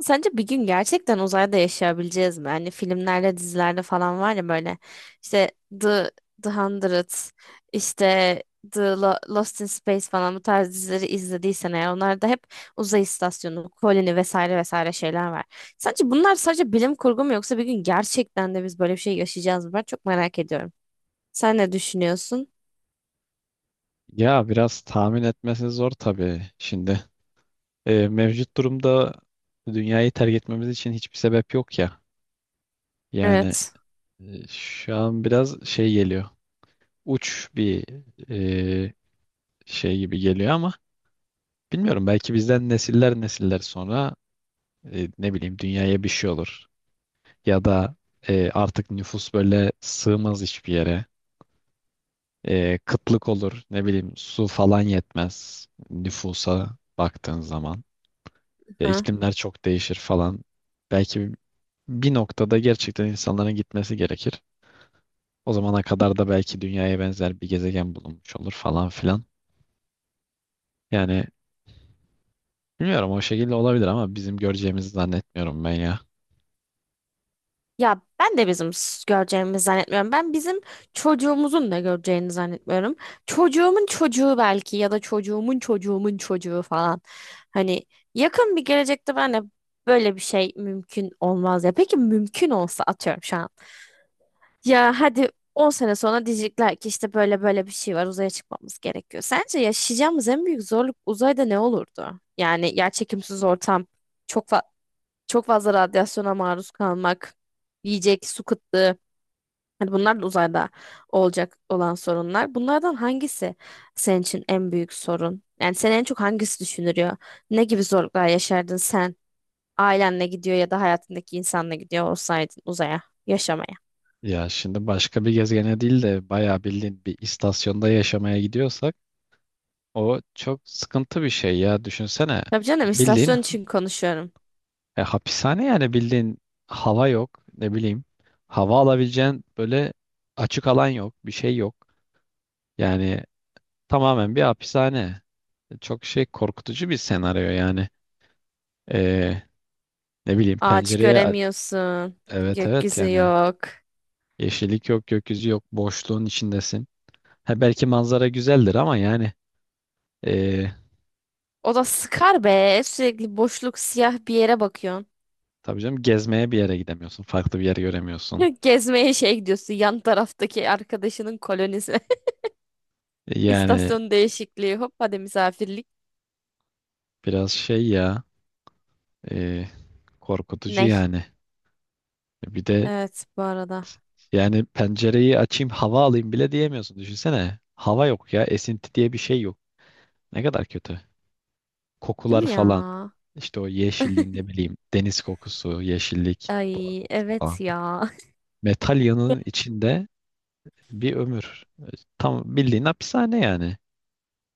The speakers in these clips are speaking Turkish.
Sence bir gün gerçekten uzayda yaşayabileceğiz mi? Hani filmlerde, dizilerde falan var ya böyle işte The, The Hundred, işte Lost in Space falan bu tarz dizileri izlediysen eğer onlarda hep uzay istasyonu, koloni vesaire vesaire şeyler var. Sence bunlar sadece bilim kurgu mu yoksa bir gün gerçekten de biz böyle bir şey yaşayacağız mı? Ben çok merak ediyorum. Sen ne düşünüyorsun? Ya biraz tahmin etmesi zor tabii şimdi. Mevcut durumda dünyayı terk etmemiz için hiçbir sebep yok ya. Yani Evet. Şu an biraz şey geliyor. Uç bir e, şey gibi geliyor ama bilmiyorum, belki bizden nesiller nesiller sonra ne bileyim dünyaya bir şey olur. Ya da artık nüfus böyle sığmaz hiçbir yere. Kıtlık olur, ne bileyim su falan yetmez nüfusa baktığın zaman. Ya iklimler çok değişir falan. Belki bir noktada gerçekten insanların gitmesi gerekir. O zamana kadar da belki dünyaya benzer bir gezegen bulunmuş olur falan filan. Yani bilmiyorum, o şekilde olabilir ama bizim göreceğimizi zannetmiyorum ben ya. Ya ben de bizim göreceğimizi zannetmiyorum. Ben bizim çocuğumuzun da göreceğini zannetmiyorum. Çocuğumun çocuğu belki ya da çocuğumun çocuğu falan. Hani yakın bir gelecekte ben de böyle bir şey mümkün olmaz ya. Peki mümkün olsa atıyorum şu an. Ya hadi 10 sene sonra diyecekler ki işte böyle böyle bir şey var, uzaya çıkmamız gerekiyor. Sence yaşayacağımız en büyük zorluk uzayda ne olurdu? Yani yerçekimsiz ortam, çok fa- çok fazla radyasyona maruz kalmak, yiyecek, su kıtlığı. Hani bunlar da uzayda olacak olan sorunlar. Bunlardan hangisi senin için en büyük sorun? Yani seni en çok hangisi düşündürüyor? Ne gibi zorluklar yaşardın sen? Ailenle gidiyor ya da hayatındaki insanla gidiyor olsaydın uzaya yaşamaya. Ya şimdi başka bir gezegene değil de bayağı bildiğin bir istasyonda yaşamaya gidiyorsak o çok sıkıntı bir şey ya. Düşünsene, Tabii canım, bildiğin istasyon için konuşuyorum. Hapishane yani, bildiğin hava yok ne bileyim. Hava alabileceğin böyle açık alan yok, bir şey yok. Yani tamamen bir hapishane. Çok şey korkutucu bir senaryo yani. Ee, ne bileyim Ağaç pencereye, göremiyorsun. evet evet Gökyüzü yani yok. yeşillik yok, gökyüzü yok, boşluğun içindesin. Ha, belki manzara güzeldir ama yani ee, O da sıkar be. Sürekli boşluk, siyah bir yere bakıyorsun. tabii canım gezmeye bir yere gidemiyorsun. Farklı bir yer göremiyorsun. Gezmeye şey gidiyorsun, yan taraftaki arkadaşının kolonisi. E, Yani İstasyon değişikliği, hop hadi misafirlik. biraz şey ya, ee, korkutucu Ney? yani. Bir de Evet, bu arada. yani pencereyi açayım hava alayım bile diyemiyorsun. Düşünsene, hava yok ya, esinti diye bir şey yok. Ne kadar kötü. Değil Kokular mi falan. ya? İşte o yeşilliğin, ne bileyim deniz kokusu, yeşillik, doğa Ay, kokusu evet falan. ya. Metal yanının içinde bir ömür. Tam bildiğin hapishane yani.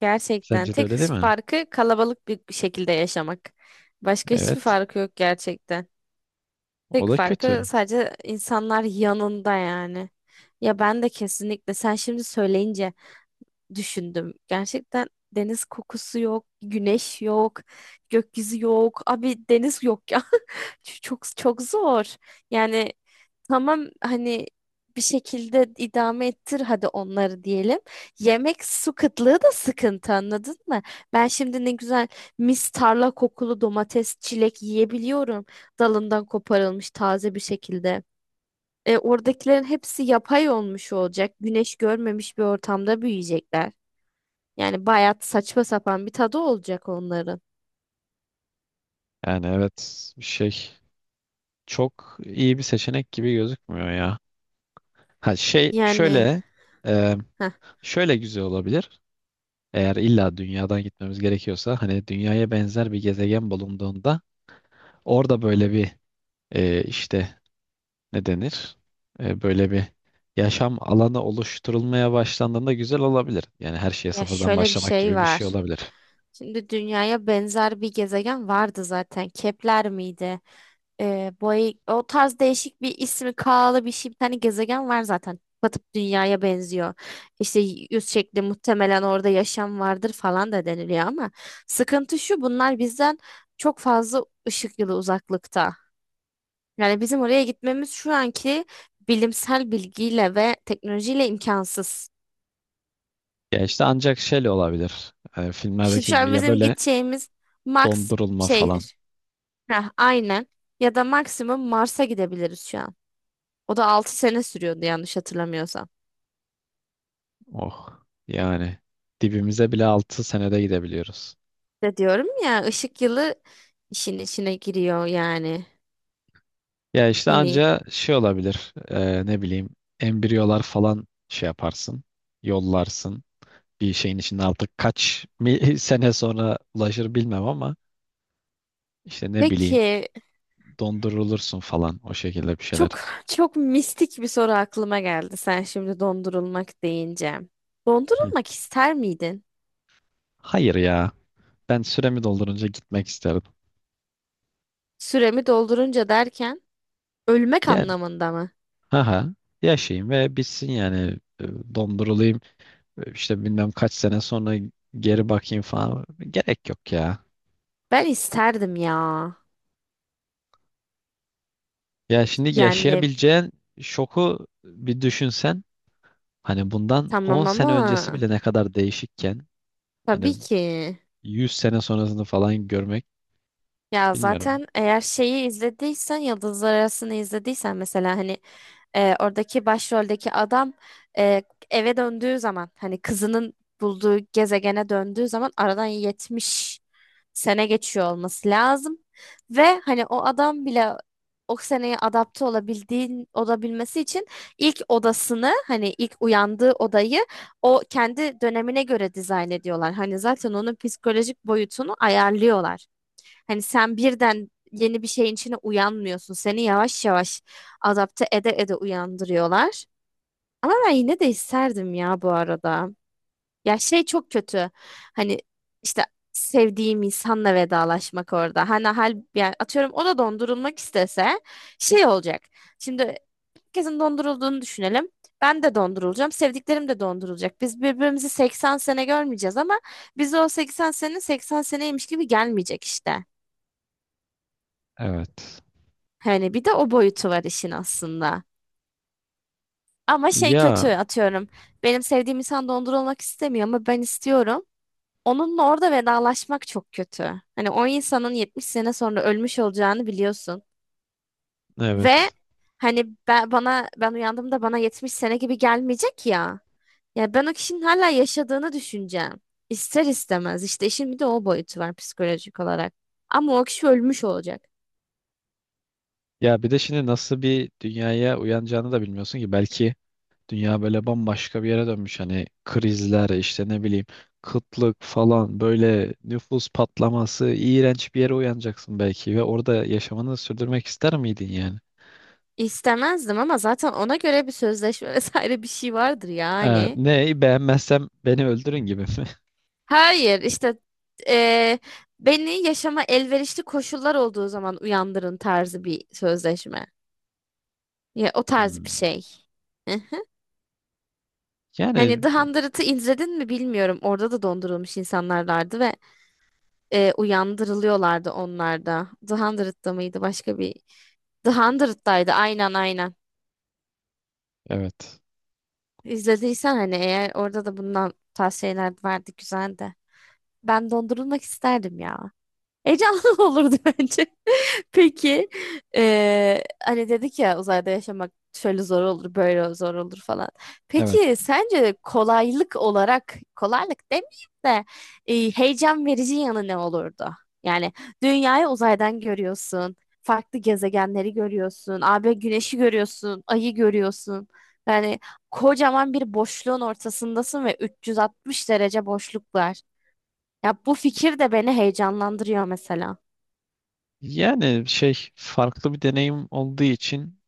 Gerçekten Sence de tek öyle değil mi? farkı kalabalık bir şekilde yaşamak. Başka hiçbir Evet. farkı yok gerçekten. O Tek da kötü. farkı sadece insanlar yanında yani. Ya ben de kesinlikle sen şimdi söyleyince düşündüm. Gerçekten deniz kokusu yok, güneş yok, gökyüzü yok. Abi deniz yok ya. Çok çok zor. Yani tamam hani, bir şekilde idame ettir hadi onları diyelim. Yemek, su kıtlığı da sıkıntı, anladın mı? Ben şimdi ne güzel mis tarla kokulu domates, çilek yiyebiliyorum. Dalından koparılmış taze bir şekilde. Oradakilerin hepsi yapay olmuş olacak. Güneş görmemiş bir ortamda büyüyecekler. Yani bayağı saçma sapan bir tadı olacak onların. Yani evet, şey çok iyi bir seçenek gibi gözükmüyor ya. Ha şey Yani şöyle, e, heh, şöyle güzel olabilir. Eğer illa dünyadan gitmemiz gerekiyorsa, hani dünyaya benzer bir gezegen bulunduğunda orada böyle bir işte ne denir? Böyle bir yaşam alanı oluşturulmaya başlandığında güzel olabilir. Yani her şeye ya sıfırdan şöyle bir başlamak şey gibi bir şey var. olabilir. Şimdi dünyaya benzer bir gezegen vardı zaten. Kepler miydi? O tarz değişik bir ismi, K'lı bir şey, bir tane gezegen var zaten. Batıp dünyaya benziyor. İşte yüz şekli, muhtemelen orada yaşam vardır falan da deniliyor ama sıkıntı şu, bunlar bizden çok fazla ışık yılı uzaklıkta. Yani bizim oraya gitmemiz şu anki bilimsel bilgiyle ve teknolojiyle imkansız. Ya işte ancak şeyle olabilir. E, Şimdi filmlerdeki şu gibi an ya, bizim böyle gideceğimiz max dondurulma falan. şeydir. Aynen. Ya da maksimum Mars'a gidebiliriz şu an. O da 6 sene sürüyordu yanlış hatırlamıyorsam. Oh yani, dibimize bile 6 senede gidebiliyoruz. De diyorum ya, ışık yılı işin içine giriyor yani. Ya işte Hani anca şey olabilir. Ne bileyim embriyolar falan şey yaparsın. Yollarsın. Bir şeyin içinde artık kaç sene sonra ulaşır bilmem, ama işte ne bileyim peki, dondurulursun falan, o şekilde bir şeyler. çok çok mistik bir soru aklıma geldi sen şimdi dondurulmak deyince. Hı. Dondurulmak ister miydin? Hayır ya. Ben süremi doldurunca gitmek isterim. Süremi doldurunca derken ölmek Yani anlamında mı? haha, yaşayayım ve bitsin yani. Dondurulayım, işte bilmem kaç sene sonra geri bakayım falan, gerek yok ya. Ben isterdim ya. Ya şimdi Yani yaşayabileceğin şoku bir düşünsen, hani bundan tamam 10 sene ama öncesi bile ne kadar değişikken, hani tabii ki. 100 sene sonrasını falan görmek, Ya bilmiyorum. zaten eğer şeyi izlediysen, Yıldızlar Arası'nı izlediysen mesela, hani oradaki başroldeki adam, e, eve döndüğü zaman, hani kızının bulduğu gezegene döndüğü zaman aradan 70 sene geçiyor olması lazım. Ve hani o adam bile o seneye adapte olabilmesi için ilk odasını, hani ilk uyandığı odayı, o kendi dönemine göre dizayn ediyorlar. Hani zaten onun psikolojik boyutunu ayarlıyorlar. Hani sen birden yeni bir şeyin içine uyanmıyorsun. Seni yavaş yavaş adapte ede ede uyandırıyorlar. Ama ben yine de isterdim ya, bu arada. Ya şey çok kötü. Hani işte sevdiğim insanla vedalaşmak orada. Hani yani, atıyorum o da dondurulmak istese şey olacak. Şimdi herkesin dondurulduğunu düşünelim. Ben de dondurulacağım. Sevdiklerim de dondurulacak. Biz birbirimizi 80 sene görmeyeceğiz ama bize o 80 sene 80 seneymiş gibi gelmeyecek işte. Evet. Hani bir de o boyutu var işin aslında. Ama şey kötü, Ya atıyorum. Benim sevdiğim insan dondurulmak istemiyor ama ben istiyorum. Onunla orada vedalaşmak çok kötü. Hani o insanın 70 sene sonra ölmüş olacağını biliyorsun. Ve evet. hani bana, ben uyandığımda bana 70 sene gibi gelmeyecek ya. Ya ben o kişinin hala yaşadığını düşüneceğim. İster istemez. İşte işin bir de o boyutu var psikolojik olarak. Ama o kişi ölmüş olacak. Ya bir de şimdi nasıl bir dünyaya uyanacağını da bilmiyorsun ki. Belki dünya böyle bambaşka bir yere dönmüş. Hani krizler, işte ne bileyim kıtlık falan, böyle nüfus patlaması, iğrenç bir yere uyanacaksın belki. Ve orada yaşamını sürdürmek ister miydin yani? İstemezdim ama zaten ona göre bir sözleşme vesaire bir şey vardır Ee, yani. ne beğenmezsem beni öldürün gibi mi? Hayır işte, eee, beni yaşama elverişli koşullar olduğu zaman uyandırın tarzı bir sözleşme. Ya o tarz bir Hmm. şey. Yani Hani The Hundred'ı izledin mi bilmiyorum. Orada da dondurulmuş insanlarlardı ve uyandırılıyorlardı onlar da. The Hundred'da mıydı, başka bir? The Hundred'daydı, aynen aynen. evet. İzlediysen hani, eğer orada da bundan tavsiyeler vardı güzel de. Ben dondurulmak isterdim ya. Heyecanlı olurdu bence. Peki, hani dedik ya, uzayda yaşamak şöyle zor olur, böyle zor olur falan. Evet. Peki sence kolaylık olarak, kolaylık demeyeyim de heyecan verici yanı ne olurdu? Yani dünyayı uzaydan görüyorsun, farklı gezegenleri görüyorsun, abi güneşi görüyorsun, ayı görüyorsun. Yani kocaman bir boşluğun ortasındasın ve 360 derece boşluk var. Ya bu fikir de beni heyecanlandırıyor mesela. Yani şey, farklı bir deneyim olduğu için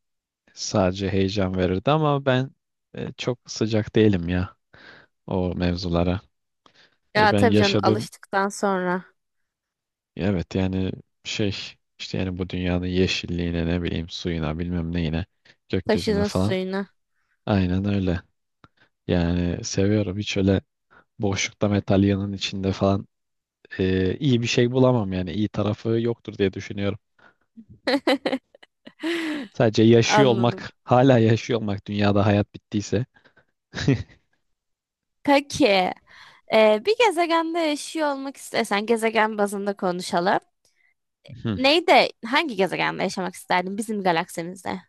sadece heyecan verirdi, ama ben çok sıcak değilim ya o mevzulara. Yani Ya ben tabii canım, yaşadığım, alıştıktan sonra evet yani şey, işte yani bu dünyanın yeşilliğine, ne bileyim suyuna, bilmem neyine, gökyüzüne taşının falan, suyunu. aynen öyle. Yani seviyorum, hiç öyle boşlukta metal metalyanın içinde falan iyi bir şey bulamam yani, iyi tarafı yoktur diye düşünüyorum. Sadece yaşıyor Anladım. olmak, hala yaşıyor olmak dünyada hayat bittiyse. Peki, bir gezegende yaşıyor olmak istesen, gezegen bazında konuşalım. Hı. Neyde, hangi gezegende yaşamak isterdin bizim galaksimizde?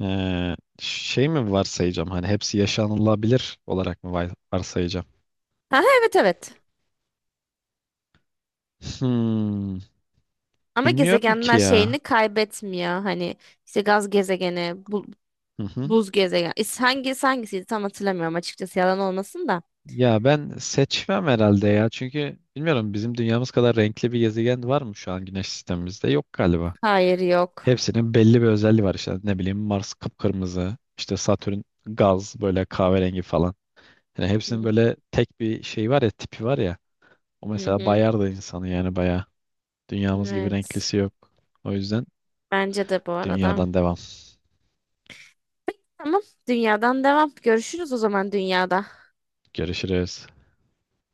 Şey mi varsayacağım, hani hepsi yaşanılabilir olarak mı varsayacağım? Ha, evet evet. Hmm, Ama bilmiyorum ki gezegenler ya. şeyini kaybetmiyor. Hani işte gaz gezegeni, Hı hı. buz gezegen. Hangisi hangisiydi tam hatırlamıyorum açıkçası, yalan olmasın da. Ya ben seçmem herhalde ya. Çünkü bilmiyorum, bizim dünyamız kadar renkli bir gezegen var mı şu an güneş sistemimizde? Yok galiba. Hayır, yok. Hepsinin belli bir özelliği var işte. Ne bileyim Mars kıpkırmızı, işte Satürn gaz böyle kahverengi falan. Yani hepsinin Hı böyle tek bir şey var ya, tipi var ya. O hı. mesela Hı. bayar da insanı yani, bayağı. Dünyamız gibi Evet. renklisi yok. O yüzden Bence de bu arada. dünyadan devam. Tamam. Dünyadan devam. Görüşürüz o zaman dünyada. Görüşürüz.